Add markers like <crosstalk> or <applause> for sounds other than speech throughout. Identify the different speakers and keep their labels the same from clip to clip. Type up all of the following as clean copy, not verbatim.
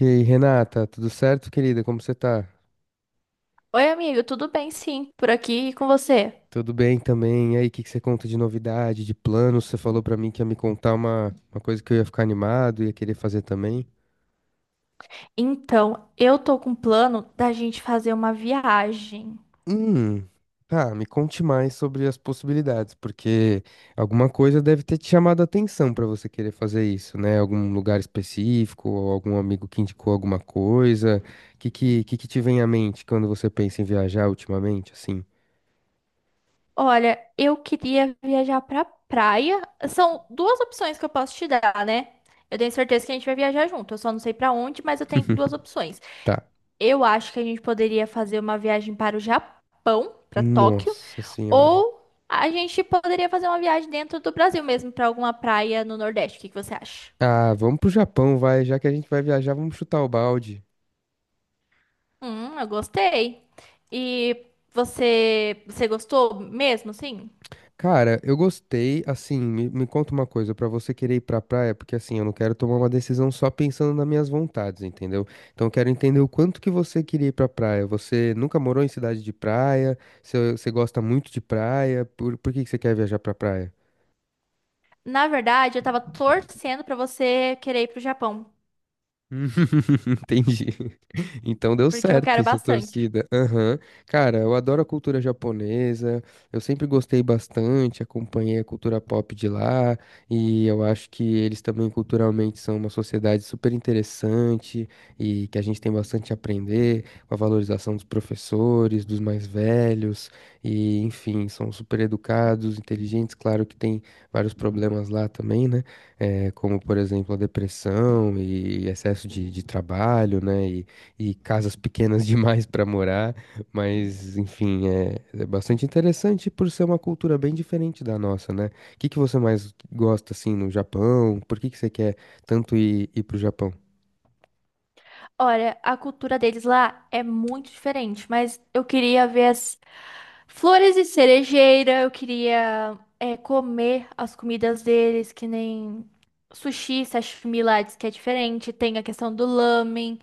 Speaker 1: E aí, Renata, tudo certo, querida? Como você tá?
Speaker 2: Oi, amigo, tudo bem? Sim, por aqui e com você.
Speaker 1: Tudo bem também? E aí, o que que você conta de novidade, de planos? Você falou pra mim que ia me contar uma coisa que eu ia ficar animado, ia querer fazer também.
Speaker 2: Então, eu tô com um plano da gente fazer uma viagem.
Speaker 1: Hum, tá, me conte mais sobre as possibilidades, porque alguma coisa deve ter te chamado a atenção pra você querer fazer isso, né? Algum lugar específico, ou algum amigo que indicou alguma coisa. O que que te vem à mente quando você pensa em viajar ultimamente, assim?
Speaker 2: Olha, eu queria viajar pra praia. São duas opções que eu posso te dar, né? Eu tenho certeza que a gente vai viajar junto. Eu só não sei pra onde, mas eu tenho duas
Speaker 1: <laughs>
Speaker 2: opções.
Speaker 1: Tá.
Speaker 2: Eu acho que a gente poderia fazer uma viagem para o Japão, pra Tóquio,
Speaker 1: Nossa senhora.
Speaker 2: ou a gente poderia fazer uma viagem dentro do Brasil mesmo, pra alguma praia no Nordeste. O que que você acha?
Speaker 1: Ah, vamos pro Japão, vai. Já que a gente vai viajar, vamos chutar o balde.
Speaker 2: Eu gostei. E você gostou mesmo, sim?
Speaker 1: Cara, eu gostei, assim, me conta uma coisa, pra você querer ir pra praia, porque assim, eu não quero tomar uma decisão só pensando nas minhas vontades, entendeu? Então eu quero entender o quanto que você queria ir pra praia. Você nunca morou em cidade de praia? Você gosta muito de praia? Por que que você quer viajar pra praia?
Speaker 2: Na verdade, eu tava torcendo pra você querer ir pro Japão,
Speaker 1: <laughs> Entendi. Então deu
Speaker 2: porque eu quero
Speaker 1: certo sua
Speaker 2: bastante.
Speaker 1: torcida. Aham. Cara, eu adoro a cultura japonesa. Eu sempre gostei bastante, acompanhei a cultura pop de lá. E eu acho que eles também culturalmente são uma sociedade super interessante e que a gente tem bastante a aprender com a valorização dos professores, dos mais velhos. E, enfim, são super educados, inteligentes. Claro que tem vários problemas lá também, né? Como, por exemplo, a depressão e excesso de trabalho, né? e casas pequenas <laughs> demais para morar, mas enfim, é bastante interessante por ser uma cultura bem diferente da nossa, né? O que que você mais gosta assim no Japão? Por que que você quer tanto ir pro Japão?
Speaker 2: Olha, a cultura deles lá é muito diferente, mas eu queria ver as flores de cerejeira, eu queria comer as comidas deles, que nem sushi, sashimi lá, diz que é diferente, tem a questão do lamen.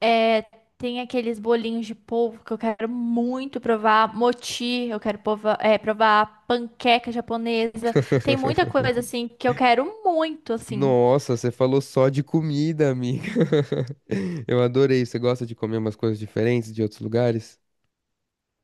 Speaker 2: É, tem aqueles bolinhos de polvo que eu quero muito provar, mochi, eu quero provar provar panqueca japonesa. Tem muita coisa assim que eu quero muito, assim.
Speaker 1: Nossa, você falou só de comida, amiga. <laughs> Eu adorei. Você gosta de comer umas coisas diferentes de outros lugares?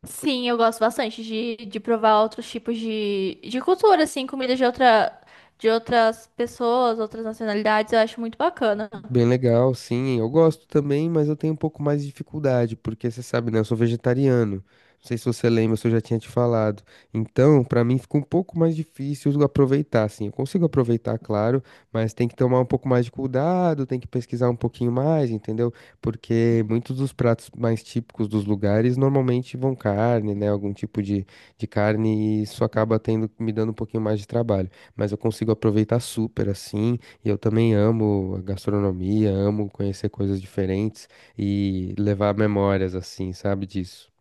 Speaker 2: Sim, eu gosto bastante de provar outros tipos de cultura, assim, comida de outras pessoas, outras nacionalidades, eu acho muito bacana.
Speaker 1: Bem legal, sim. Eu gosto também, mas eu tenho um pouco mais de dificuldade, porque você sabe, né? Eu sou vegetariano. Não sei se você lembra, se eu já tinha te falado. Então, pra mim fica um pouco mais difícil aproveitar, assim. Eu consigo aproveitar, claro, mas tem que tomar um pouco mais de cuidado, tem que pesquisar um pouquinho mais, entendeu? Porque muitos dos pratos mais típicos dos lugares normalmente vão carne, né? Algum tipo de carne, e isso acaba tendo, me dando um pouquinho mais de trabalho. Mas eu consigo aproveitar super, assim. E eu também amo a gastronomia, amo conhecer coisas diferentes e levar memórias assim, sabe disso?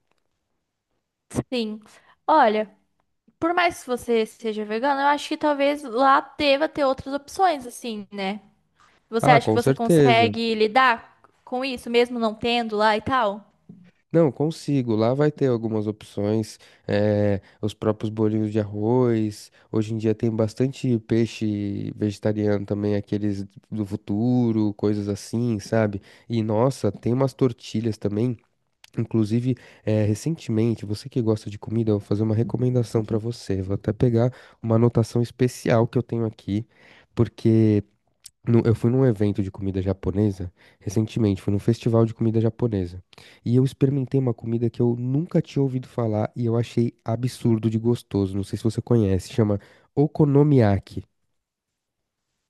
Speaker 2: Sim. Olha, por mais que você seja vegano, eu acho que talvez lá deva ter outras opções, assim, né? Você
Speaker 1: Ah,
Speaker 2: acha que
Speaker 1: com
Speaker 2: você
Speaker 1: certeza.
Speaker 2: consegue lidar com isso, mesmo não tendo lá e tal?
Speaker 1: Não, consigo. Lá vai ter algumas opções, os próprios bolinhos de arroz. Hoje em dia tem bastante peixe vegetariano também, aqueles do futuro, coisas assim, sabe? E nossa, tem umas tortilhas também. Inclusive, recentemente, você que gosta de comida, eu vou fazer uma recomendação para você. Vou até pegar uma anotação especial que eu tenho aqui, porque eu fui num evento de comida japonesa recentemente, fui num festival de comida japonesa. E eu experimentei uma comida que eu nunca tinha ouvido falar e eu achei absurdo de gostoso. Não sei se você conhece, chama okonomiyaki.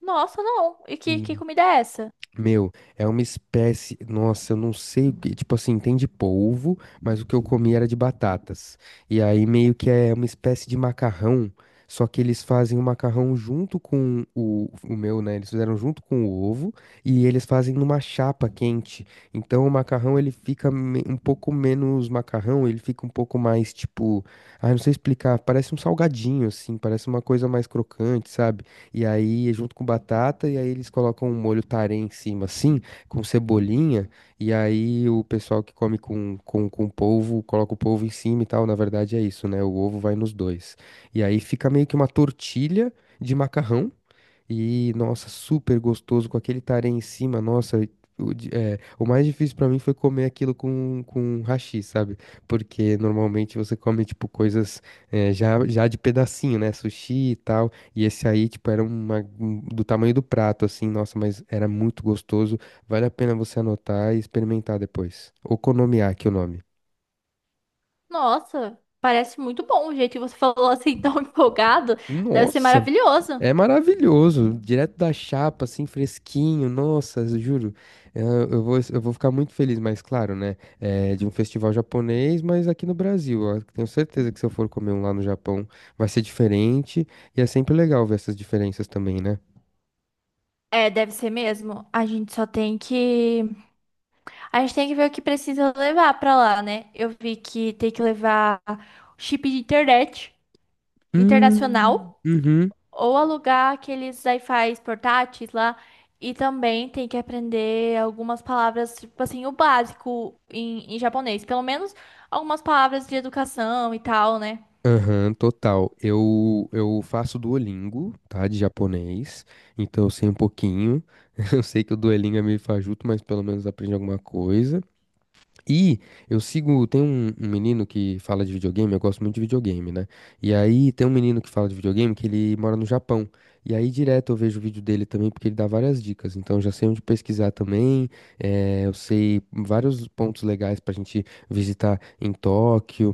Speaker 2: Nossa, não. E que comida é essa?
Speaker 1: Meu, é uma espécie. Nossa, eu não sei o que. Tipo assim, tem de polvo, mas o que eu comi era de batatas. E aí meio que é uma espécie de macarrão. Só que eles fazem o macarrão junto com o meu, né? Eles fizeram junto com o ovo e eles fazem numa chapa quente. Então o macarrão ele fica um pouco menos macarrão, ele fica um pouco mais tipo. Ai, não sei explicar. Parece um salgadinho, assim. Parece uma coisa mais crocante, sabe? E aí, junto com batata, e aí eles colocam um molho tarê em cima, assim, com cebolinha. E aí o pessoal que come com polvo, coloca o polvo em cima e tal. Na verdade é isso, né? O ovo vai nos dois. E aí fica meio que uma tortilha de macarrão. E, nossa, super gostoso com aquele tarê em cima. Nossa, o mais difícil pra mim foi comer aquilo com hashi, sabe? Porque normalmente você come, tipo, coisas já de pedacinho, né? Sushi e tal. E esse aí, tipo, era do tamanho do prato, assim. Nossa, mas era muito gostoso. Vale a pena você anotar e experimentar depois. Okonomiyaki, o nome.
Speaker 2: Nossa, parece muito bom. O jeito que você <laughs> falou assim, tão <laughs> empolgado, deve ser
Speaker 1: Nossa,
Speaker 2: maravilhoso.
Speaker 1: é maravilhoso, direto da chapa, assim, fresquinho, nossa, eu juro. Eu vou ficar muito feliz, mas claro, né? É de um festival japonês, mas aqui no Brasil. Ó, tenho certeza que se eu for comer um lá no Japão, vai ser diferente. E é sempre legal ver essas diferenças também, né?
Speaker 2: É, deve ser mesmo. A gente só tem que. A gente tem que ver o que precisa levar pra lá, né? Eu vi que tem que levar chip de internet internacional.
Speaker 1: Uhum.
Speaker 2: Ou alugar aqueles wi-fis portáteis lá. E também tem que aprender algumas palavras, tipo assim, o básico em japonês. Pelo menos algumas palavras de educação e tal, né?
Speaker 1: Aham, total. Eu faço Duolingo, tá? De japonês. Então eu sei um pouquinho. <laughs> Eu sei que o Duolingo é meio fajuto, mas pelo menos aprende alguma coisa. E eu sigo, tem um menino que fala de videogame, eu gosto muito de videogame, né? E aí tem um menino que fala de videogame que ele mora no Japão. E aí direto eu vejo o vídeo dele também, porque ele dá várias dicas. Então eu já sei onde pesquisar também, eu sei vários pontos legais pra gente visitar em Tóquio.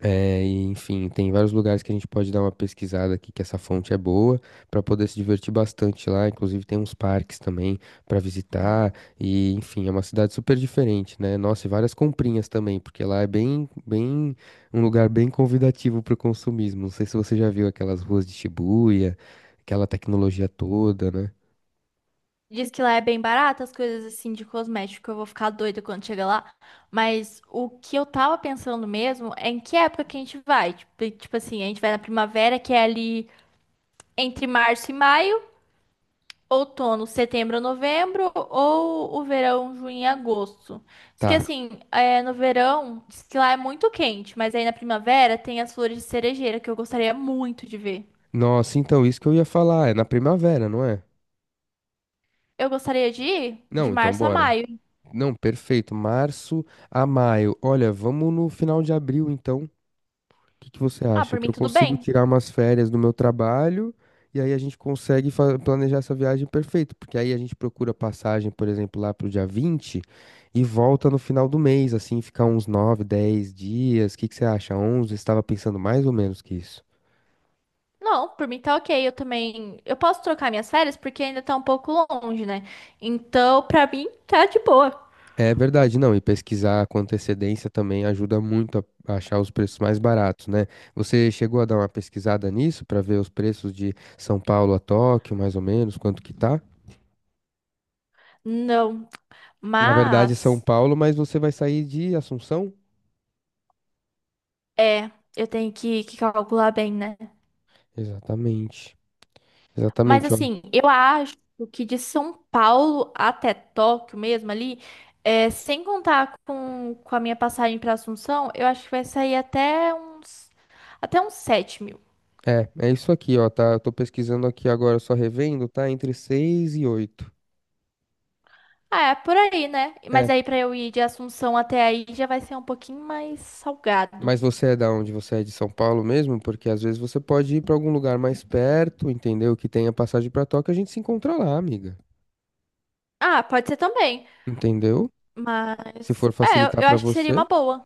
Speaker 1: E, enfim, tem vários lugares que a gente pode dar uma pesquisada aqui, que essa fonte é boa, para poder se divertir bastante lá. Inclusive, tem uns parques também para visitar. E, enfim, é uma cidade super diferente, né? Nossa, e várias comprinhas também, porque lá é bem, bem, um lugar bem convidativo para o consumismo. Não sei se você já viu aquelas ruas de Shibuya, aquela tecnologia toda, né?
Speaker 2: Diz que lá é bem barato as coisas assim de cosmético. Eu vou ficar doida quando chegar lá. Mas o que eu tava pensando mesmo é em que época que a gente vai. Tipo assim, a gente vai na primavera, que é ali entre março e maio. Outono, setembro, novembro, ou o verão, junho e agosto. Diz que
Speaker 1: Tá.
Speaker 2: assim, é, no verão, diz que lá é muito quente, mas aí na primavera tem as flores de cerejeira que eu gostaria muito de ver.
Speaker 1: Nossa, então, isso que eu ia falar, é na primavera, não é?
Speaker 2: Eu gostaria de ir de
Speaker 1: Não, então
Speaker 2: março a
Speaker 1: bora.
Speaker 2: maio.
Speaker 1: Não, perfeito. Março a maio. Olha, vamos no final de abril, então. O que que você
Speaker 2: Ah,
Speaker 1: acha?
Speaker 2: por
Speaker 1: Que
Speaker 2: mim
Speaker 1: eu
Speaker 2: tudo
Speaker 1: consigo
Speaker 2: bem.
Speaker 1: tirar umas férias do meu trabalho e aí a gente consegue planejar essa viagem perfeito. Porque aí a gente procura passagem, por exemplo, lá pro dia 20 e volta no final do mês, assim, ficar uns 9, 10 dias. O que que você acha? 11? Estava pensando mais ou menos que isso.
Speaker 2: Não, por mim tá ok. Eu também. Eu posso trocar minhas férias porque ainda tá um pouco longe, né? Então, pra mim, tá de boa.
Speaker 1: É verdade, não, e pesquisar com antecedência também ajuda muito a achar os preços mais baratos, né? Você chegou a dar uma pesquisada nisso para ver os preços de São Paulo a Tóquio, mais ou menos, quanto que tá?
Speaker 2: Não,
Speaker 1: Na verdade, é São
Speaker 2: mas.
Speaker 1: Paulo, mas você vai sair de Assunção?
Speaker 2: É, eu tenho que calcular bem, né?
Speaker 1: Exatamente.
Speaker 2: Mas
Speaker 1: Exatamente, ó.
Speaker 2: assim, eu acho que de São Paulo até Tóquio mesmo ali, é, sem contar com a minha passagem para Assunção, eu acho que vai sair até uns 7 mil.
Speaker 1: É isso aqui, ó, tá? Eu tô pesquisando aqui agora, só revendo, tá? Entre seis e 8.
Speaker 2: Ah, é por aí, né? Mas aí para eu ir de Assunção até aí já vai ser um pouquinho mais salgado.
Speaker 1: Mas você é da onde? Você é de São Paulo mesmo? Porque às vezes você pode ir pra algum lugar mais perto, entendeu? Que tenha passagem pra Tóquio, a gente se encontra lá, amiga.
Speaker 2: Ah, pode ser também.
Speaker 1: Entendeu? Se
Speaker 2: Mas
Speaker 1: for
Speaker 2: é, eu,
Speaker 1: facilitar
Speaker 2: eu
Speaker 1: pra
Speaker 2: acho que seria uma
Speaker 1: você.
Speaker 2: boa.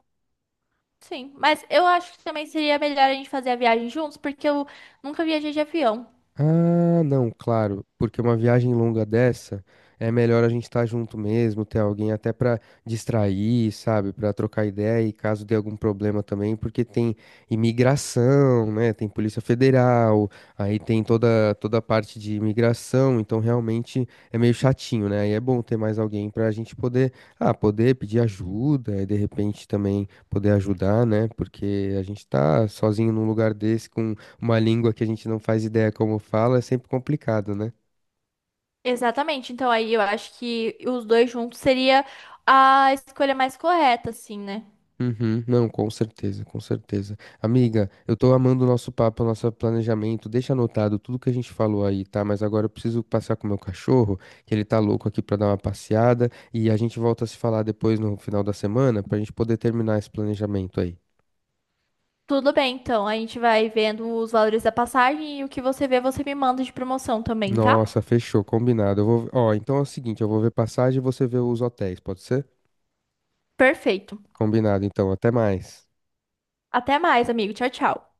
Speaker 2: Sim, mas eu acho que também seria melhor a gente fazer a viagem juntos, porque eu nunca viajei de avião.
Speaker 1: Ah, não, claro, porque uma viagem longa dessa é melhor a gente estar junto mesmo, ter alguém até pra distrair, sabe, pra trocar ideia e caso dê algum problema também, porque tem imigração, né? Tem Polícia Federal, aí tem toda a parte de imigração, então realmente é meio chatinho, né? Aí é bom ter mais alguém pra gente poder, poder pedir ajuda e de repente também poder ajudar, né? Porque a gente tá sozinho num lugar desse, uma língua que a gente não faz ideia como fala é sempre complicado, né?
Speaker 2: Exatamente. Então aí eu acho que os dois juntos seria a escolha mais correta, assim, né?
Speaker 1: Uhum, não, com certeza, com certeza. Amiga, eu tô amando o nosso papo, o nosso planejamento. Deixa anotado tudo que a gente falou aí, tá? Mas agora eu preciso passear com o meu cachorro, que ele tá louco aqui pra dar uma passeada. E a gente volta a se falar depois no final da semana pra gente poder terminar esse planejamento aí.
Speaker 2: Tudo bem, então. A gente vai vendo os valores da passagem e o que você vê, você me manda de promoção também, tá?
Speaker 1: Nossa, fechou, combinado. Eu vou... Ó, então é o seguinte, eu vou ver passagem e você vê os hotéis, pode ser?
Speaker 2: Perfeito.
Speaker 1: Combinado, então, até mais.
Speaker 2: Até mais, amigo. Tchau, tchau.